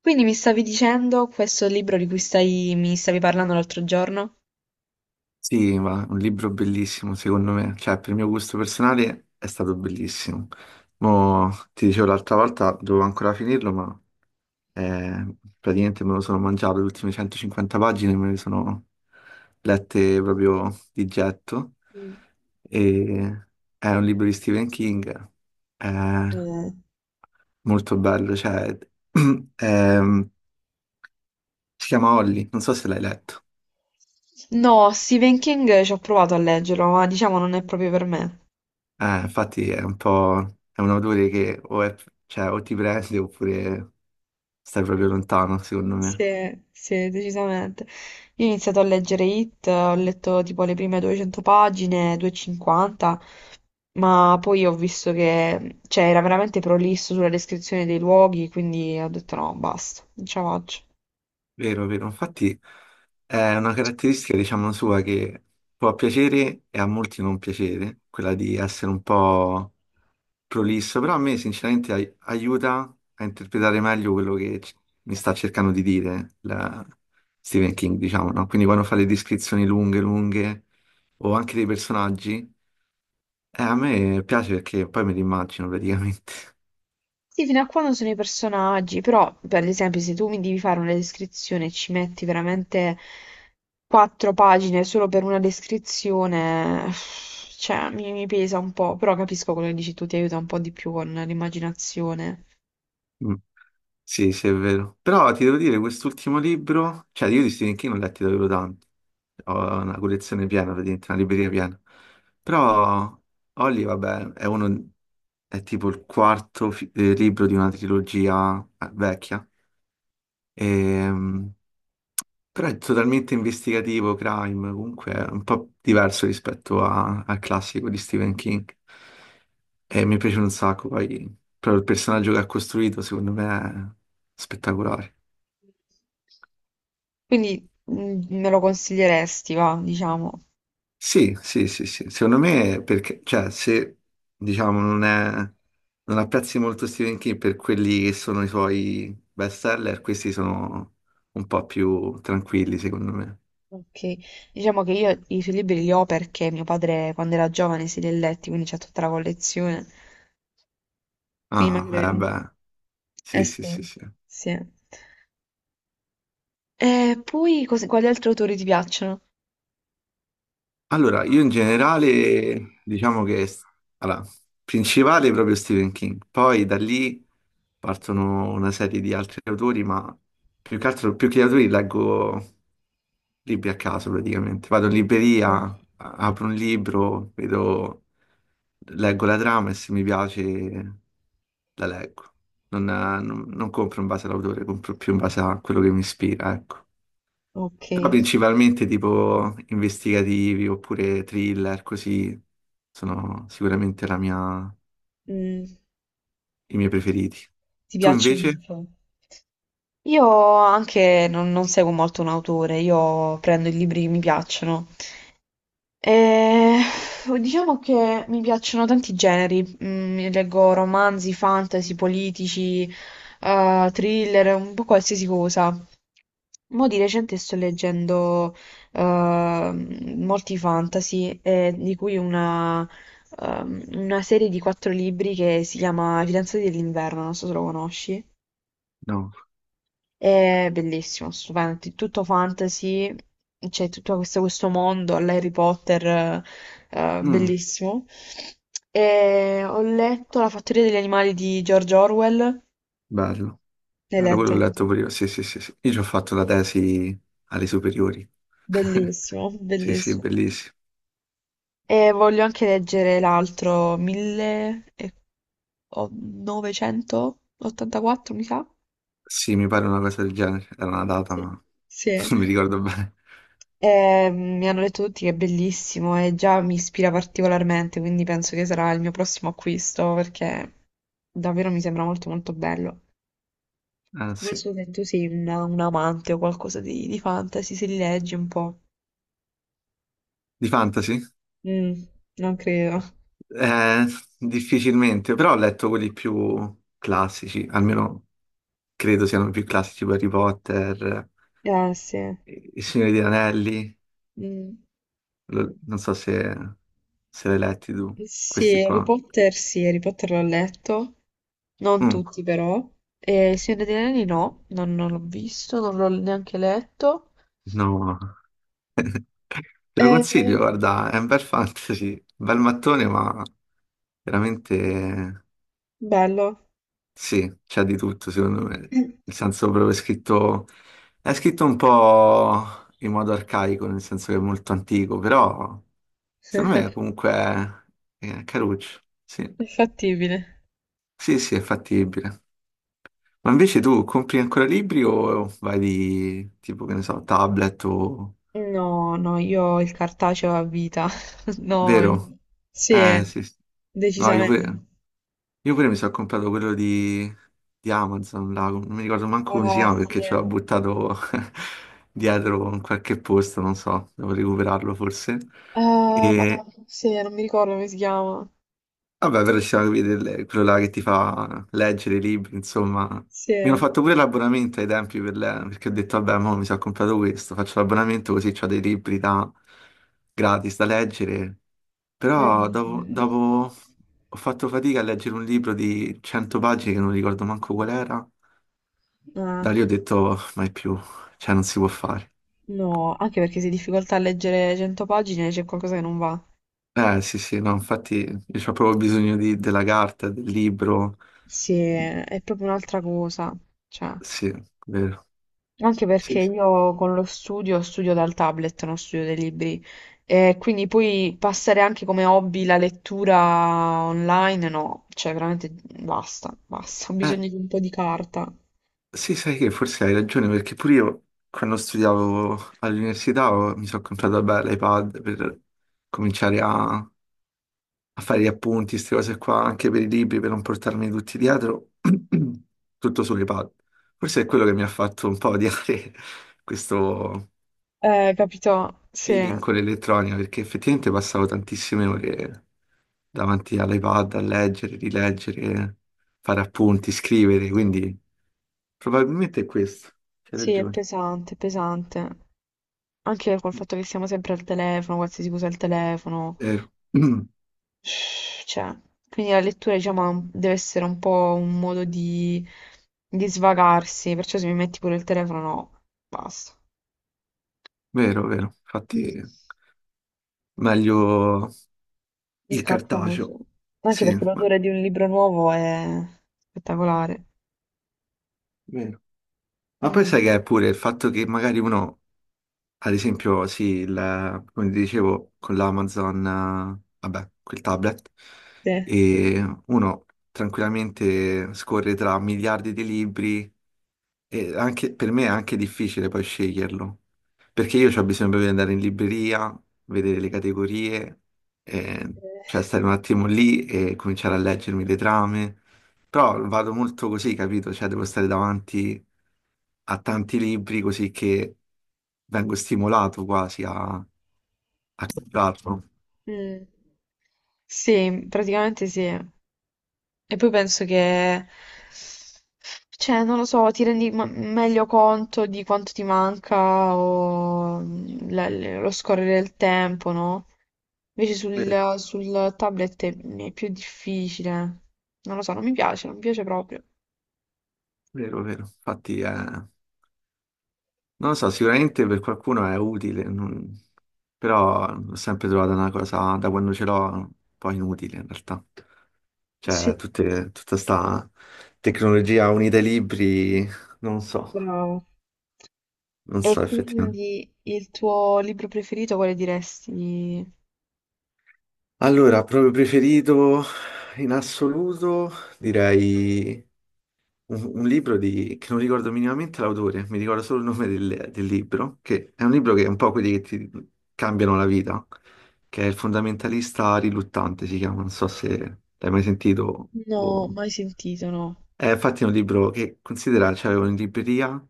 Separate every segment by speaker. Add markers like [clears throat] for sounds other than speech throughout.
Speaker 1: Quindi mi stavi dicendo questo libro di cui mi stavi parlando l'altro giorno?
Speaker 2: Sì, ma un libro bellissimo secondo me, cioè per il mio gusto personale è stato bellissimo. Mo, ti dicevo l'altra volta, dovevo ancora finirlo, ma praticamente me lo sono mangiato, le ultime 150 pagine me le sono lette proprio di getto.
Speaker 1: Mm.
Speaker 2: E è un libro di Stephen King, è
Speaker 1: Eh.
Speaker 2: molto bello, cioè, [clears throat] ehm, si chiama Holly, non so se l'hai letto.
Speaker 1: No, Stephen King ci ho provato a leggerlo, ma diciamo non è proprio per me.
Speaker 2: Infatti è un po', è un odore che o, cioè, o ti prende oppure stai proprio lontano, secondo
Speaker 1: Sì,
Speaker 2: me.
Speaker 1: sì, decisamente. Io ho iniziato a leggere It, ho letto tipo le prime 200 pagine, 250, ma poi ho visto che, cioè, era veramente prolisso sulla descrizione dei luoghi, quindi ho detto no, basta, non ce la faccio.
Speaker 2: Vero, vero. Infatti è una caratteristica, diciamo, sua che può piacere e a molti non piacere, quella di essere un po' prolisso, però a me sinceramente aiuta a interpretare meglio quello che mi sta cercando di dire Stephen King, diciamo, no? Quindi quando fa le descrizioni lunghe, lunghe, o anche dei personaggi. A me piace perché poi me l'immagino praticamente. [laughs]
Speaker 1: Sì, fino a quando sono i personaggi, però per esempio se tu mi devi fare una descrizione e ci metti veramente quattro pagine solo per una descrizione, cioè mi pesa un po', però capisco quello che dici tu, ti aiuta un po' di più con l'immaginazione.
Speaker 2: Mm. Sì, sì, è vero. Però ti devo dire, quest'ultimo libro, cioè io di Stephen King ho letti davvero tanti. Ho una collezione piena, praticamente, una libreria piena. Però Holly, vabbè, è uno, è tipo il quarto libro di una trilogia vecchia. Ehm, Però è totalmente investigativo, crime, comunque è un po' diverso rispetto al classico di Stephen King. E mi piace un sacco, poi proprio il personaggio che ha costruito secondo me è spettacolare.
Speaker 1: Quindi me lo consiglieresti, va, diciamo.
Speaker 2: Sì, sì, sì, sì. Secondo me, perché, cioè, se diciamo non è, non apprezzi molto Stephen King per quelli che sono i suoi bestseller, questi sono un po' più tranquilli, secondo me.
Speaker 1: Ok. Diciamo che io i suoi libri li ho perché mio padre quando era giovane si li ha letti, quindi c'è tutta la collezione. Quindi
Speaker 2: Ah,
Speaker 1: magari...
Speaker 2: eh
Speaker 1: un-
Speaker 2: beh,
Speaker 1: Eh
Speaker 2: sì, sì,
Speaker 1: sì,
Speaker 2: sì, sì.
Speaker 1: sì. E poi quali altri autori ti piacciono?
Speaker 2: Allora, io in generale diciamo che allora, principale è proprio Stephen King, poi da lì partono una serie di altri autori, ma più che altro, più che gli autori leggo libri a caso praticamente. Vado in
Speaker 1: Ok.
Speaker 2: libreria, apro un libro, vedo, leggo la trama e se mi piace la leggo. Non compro in base all'autore, compro più in base a quello che mi ispira, ecco.
Speaker 1: Ok.
Speaker 2: Però principalmente tipo investigativi oppure thriller, così sono sicuramente
Speaker 1: Mm,
Speaker 2: i miei preferiti.
Speaker 1: Ti
Speaker 2: Tu
Speaker 1: piacciono di
Speaker 2: invece?
Speaker 1: più? Io anche non seguo molto un autore, io prendo i libri che mi piacciono. E diciamo che mi piacciono tanti generi, leggo romanzi, fantasy, politici, thriller, un po' qualsiasi cosa. Mo' di recente sto leggendo molti fantasy, e di cui una serie di quattro libri che si chiama I fidanzati dell'inverno, non so se lo conosci.
Speaker 2: No.
Speaker 1: È bellissimo, stupendo, è tutto fantasy, c'è tutto questo mondo all'Harry Potter,
Speaker 2: Mm,
Speaker 1: bellissimo. E ho letto La fattoria degli animali di George Orwell.
Speaker 2: bello.
Speaker 1: L'hai
Speaker 2: Bello, quello
Speaker 1: letto?
Speaker 2: l'ho letto pure io. Sì, sì, sì, sì. Io ci ho fatto la tesi alle superiori. [laughs]
Speaker 1: Bellissimo,
Speaker 2: Sì, sì,
Speaker 1: bellissimo.
Speaker 2: bellissimo.
Speaker 1: E voglio anche leggere l'altro 1984, mi sa.
Speaker 2: Sì, mi pare una cosa del genere. Era una data,
Speaker 1: Sì.
Speaker 2: ma [laughs]
Speaker 1: Sì.
Speaker 2: non mi ricordo bene.
Speaker 1: E, mi hanno detto tutti che è bellissimo e già mi ispira particolarmente, quindi penso che sarà il mio prossimo acquisto perché davvero mi sembra molto molto bello.
Speaker 2: Ah,
Speaker 1: Non
Speaker 2: sì.
Speaker 1: so se tu sei un amante o qualcosa di fantasy, se li leggi un po'.
Speaker 2: Di fantasy?
Speaker 1: Mm, non credo.
Speaker 2: Eh, Difficilmente, però ho letto quelli più classici, almeno. Credo siano più classici tipo Harry Potter,
Speaker 1: Eh sì.
Speaker 2: Il Signore degli Anelli,
Speaker 1: Mm.
Speaker 2: non so se, se l'hai letti tu, questi qua.
Speaker 1: Sì, Harry Potter l'ho letto, non
Speaker 2: Mm,
Speaker 1: tutti però. E Il Signore degli Anelli no, non l'ho visto, non l'ho neanche letto.
Speaker 2: no, te lo
Speaker 1: Eh,
Speaker 2: consiglio, guarda, è un bel fantasy, bel mattone, ma veramente
Speaker 1: bello.
Speaker 2: sì, c'è di tutto secondo me. Nel
Speaker 1: [laughs]
Speaker 2: senso proprio è scritto un po' in modo arcaico, nel senso che è molto antico, però
Speaker 1: È
Speaker 2: secondo me comunque è caruccio, sì.
Speaker 1: fattibile.
Speaker 2: Sì, sì, è fattibile. Ma invece tu compri ancora libri o vai di tipo, che ne so, tablet o...
Speaker 1: No, no, io ho il cartaceo a vita. [laughs] No,
Speaker 2: Vero?
Speaker 1: sì,
Speaker 2: Sì, sì. No,
Speaker 1: decisamente.
Speaker 2: io pure mi sono comprato quello di Amazon, là, non mi ricordo manco come si
Speaker 1: Ah,
Speaker 2: chiama
Speaker 1: sì.
Speaker 2: perché ce l'ho buttato [laughs] dietro in qualche posto, non so, devo recuperarlo forse.
Speaker 1: Ah,
Speaker 2: E,
Speaker 1: madonna, sì, non mi ricordo come si chiama.
Speaker 2: Vabbè, però ci sono quelli quello là che ti fa leggere i libri, insomma. Mi hanno
Speaker 1: Sì.
Speaker 2: fatto pure l'abbonamento ai tempi per perché ho detto, vabbè, mo mi sono comprato questo, faccio l'abbonamento così ho dei libri da... gratis da leggere. Però
Speaker 1: Mm.
Speaker 2: dopo ho fatto fatica a leggere un libro di 100 pagine che non ricordo manco qual era. Da lì
Speaker 1: Ah,
Speaker 2: ho detto, mai più, cioè non si può fare.
Speaker 1: no, anche perché se hai difficoltà a leggere 100 pagine c'è qualcosa che non va.
Speaker 2: Eh sì sì, no, infatti io ho proprio bisogno della carta, del libro.
Speaker 1: Sì, è proprio un'altra cosa. Cioè,
Speaker 2: Sì, vero.
Speaker 1: anche perché
Speaker 2: Sì, sì.
Speaker 1: io con lo studio studio dal tablet, non studio dai libri. E quindi poi passare anche come hobby la lettura online, no, cioè veramente basta, basta, [laughs] ho
Speaker 2: Eh,
Speaker 1: bisogno di un po' di carta.
Speaker 2: Sì, sai che forse hai ragione, perché pure io quando studiavo all'università mi sono comprato beh, l'iPad per cominciare a fare gli appunti, queste cose qua, anche per i libri, per non portarmi tutti dietro, [clears throat] tutto sull'iPad. Forse è quello che mi ha fatto un po' odiare [laughs] questo
Speaker 1: Capito? Sì,
Speaker 2: feeling con l'elettronica, perché effettivamente passavo tantissime ore davanti all'iPad a leggere, rileggere, fare appunti, scrivere, quindi probabilmente è questo, c'hai
Speaker 1: sì, è
Speaker 2: ragione.
Speaker 1: pesante, è pesante. Anche col fatto che siamo sempre al telefono, qualsiasi cosa al telefono.
Speaker 2: Vero, [clears throat] Mm,
Speaker 1: Cioè, quindi la lettura, diciamo, ha deve essere un po' un modo di svagarsi, perciò se mi metti pure il telefono, no, basta.
Speaker 2: vero, vero.
Speaker 1: Mm.
Speaker 2: Infatti, meglio
Speaker 1: Il
Speaker 2: il
Speaker 1: cartaceo.
Speaker 2: cartaceo.
Speaker 1: Anche
Speaker 2: Sì,
Speaker 1: perché
Speaker 2: ma,
Speaker 1: l'odore di un libro nuovo è spettacolare.
Speaker 2: vero. Ma poi sai che
Speaker 1: Mhm.
Speaker 2: è pure il fatto che magari uno, ad esempio, sì, come ti dicevo, con l'Amazon, vabbè, quel tablet,
Speaker 1: Sì. Eh.
Speaker 2: e uno tranquillamente scorre tra miliardi di libri. E anche, per me è anche difficile poi sceglierlo, perché io ho bisogno di andare in libreria, vedere le categorie, eh, cioè stare un attimo lì e cominciare a leggermi le trame, però vado molto così, capito? Cioè devo stare davanti a tanti libri così che vengo stimolato quasi a comprarlo.
Speaker 1: Mm. Sì, praticamente sì. E poi penso che, cioè, non lo so, ti rendi meglio conto di quanto ti manca o lo scorrere del tempo, no? Invece
Speaker 2: Vero,
Speaker 1: sul tablet è più difficile. Non lo so, non mi piace, non mi piace proprio.
Speaker 2: vero, vero. Infatti è non lo so, sicuramente per qualcuno è utile, però ho sempre trovato una cosa, da quando ce l'ho, un po' inutile in realtà. Cioè,
Speaker 1: Sì,
Speaker 2: tutta sta tecnologia unita ai libri, non so,
Speaker 1: bravo.
Speaker 2: non
Speaker 1: E
Speaker 2: so effettivamente.
Speaker 1: quindi il tuo libro preferito quale diresti?
Speaker 2: Allora, proprio preferito in assoluto, direi un libro di, che non ricordo minimamente l'autore, mi ricordo solo il nome del libro, che è un libro che è un po' quelli che ti cambiano la vita, che è Il fondamentalista riluttante, si chiama, non so se l'hai mai sentito.
Speaker 1: No,
Speaker 2: o-
Speaker 1: mai sentito, no.
Speaker 2: È infatti un libro che considera, c'avevo in libreria,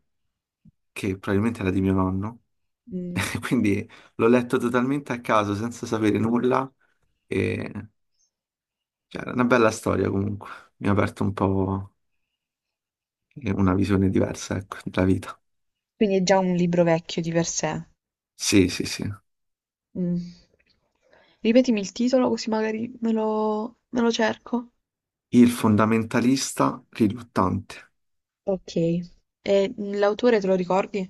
Speaker 2: che probabilmente era di mio nonno,
Speaker 1: Mm.
Speaker 2: [laughs] quindi l'ho letto totalmente a caso, senza sapere nulla, e cioè, era una bella storia comunque, mi ha aperto un po' una visione diversa, ecco, della vita.
Speaker 1: Quindi è già un libro vecchio di per sé.
Speaker 2: Sì, sì, sì.
Speaker 1: Mm. Ripetimi il titolo così magari me lo cerco.
Speaker 2: Il fondamentalista riluttante.
Speaker 1: Ok. E l'autore te lo ricordi?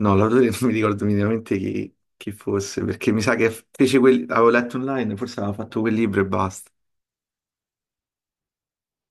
Speaker 2: No, [laughs] l'autore non mi ricordo minimamente chi, chi fosse, perché mi sa che fece quel... avevo letto online, forse aveva fatto quel libro e basta.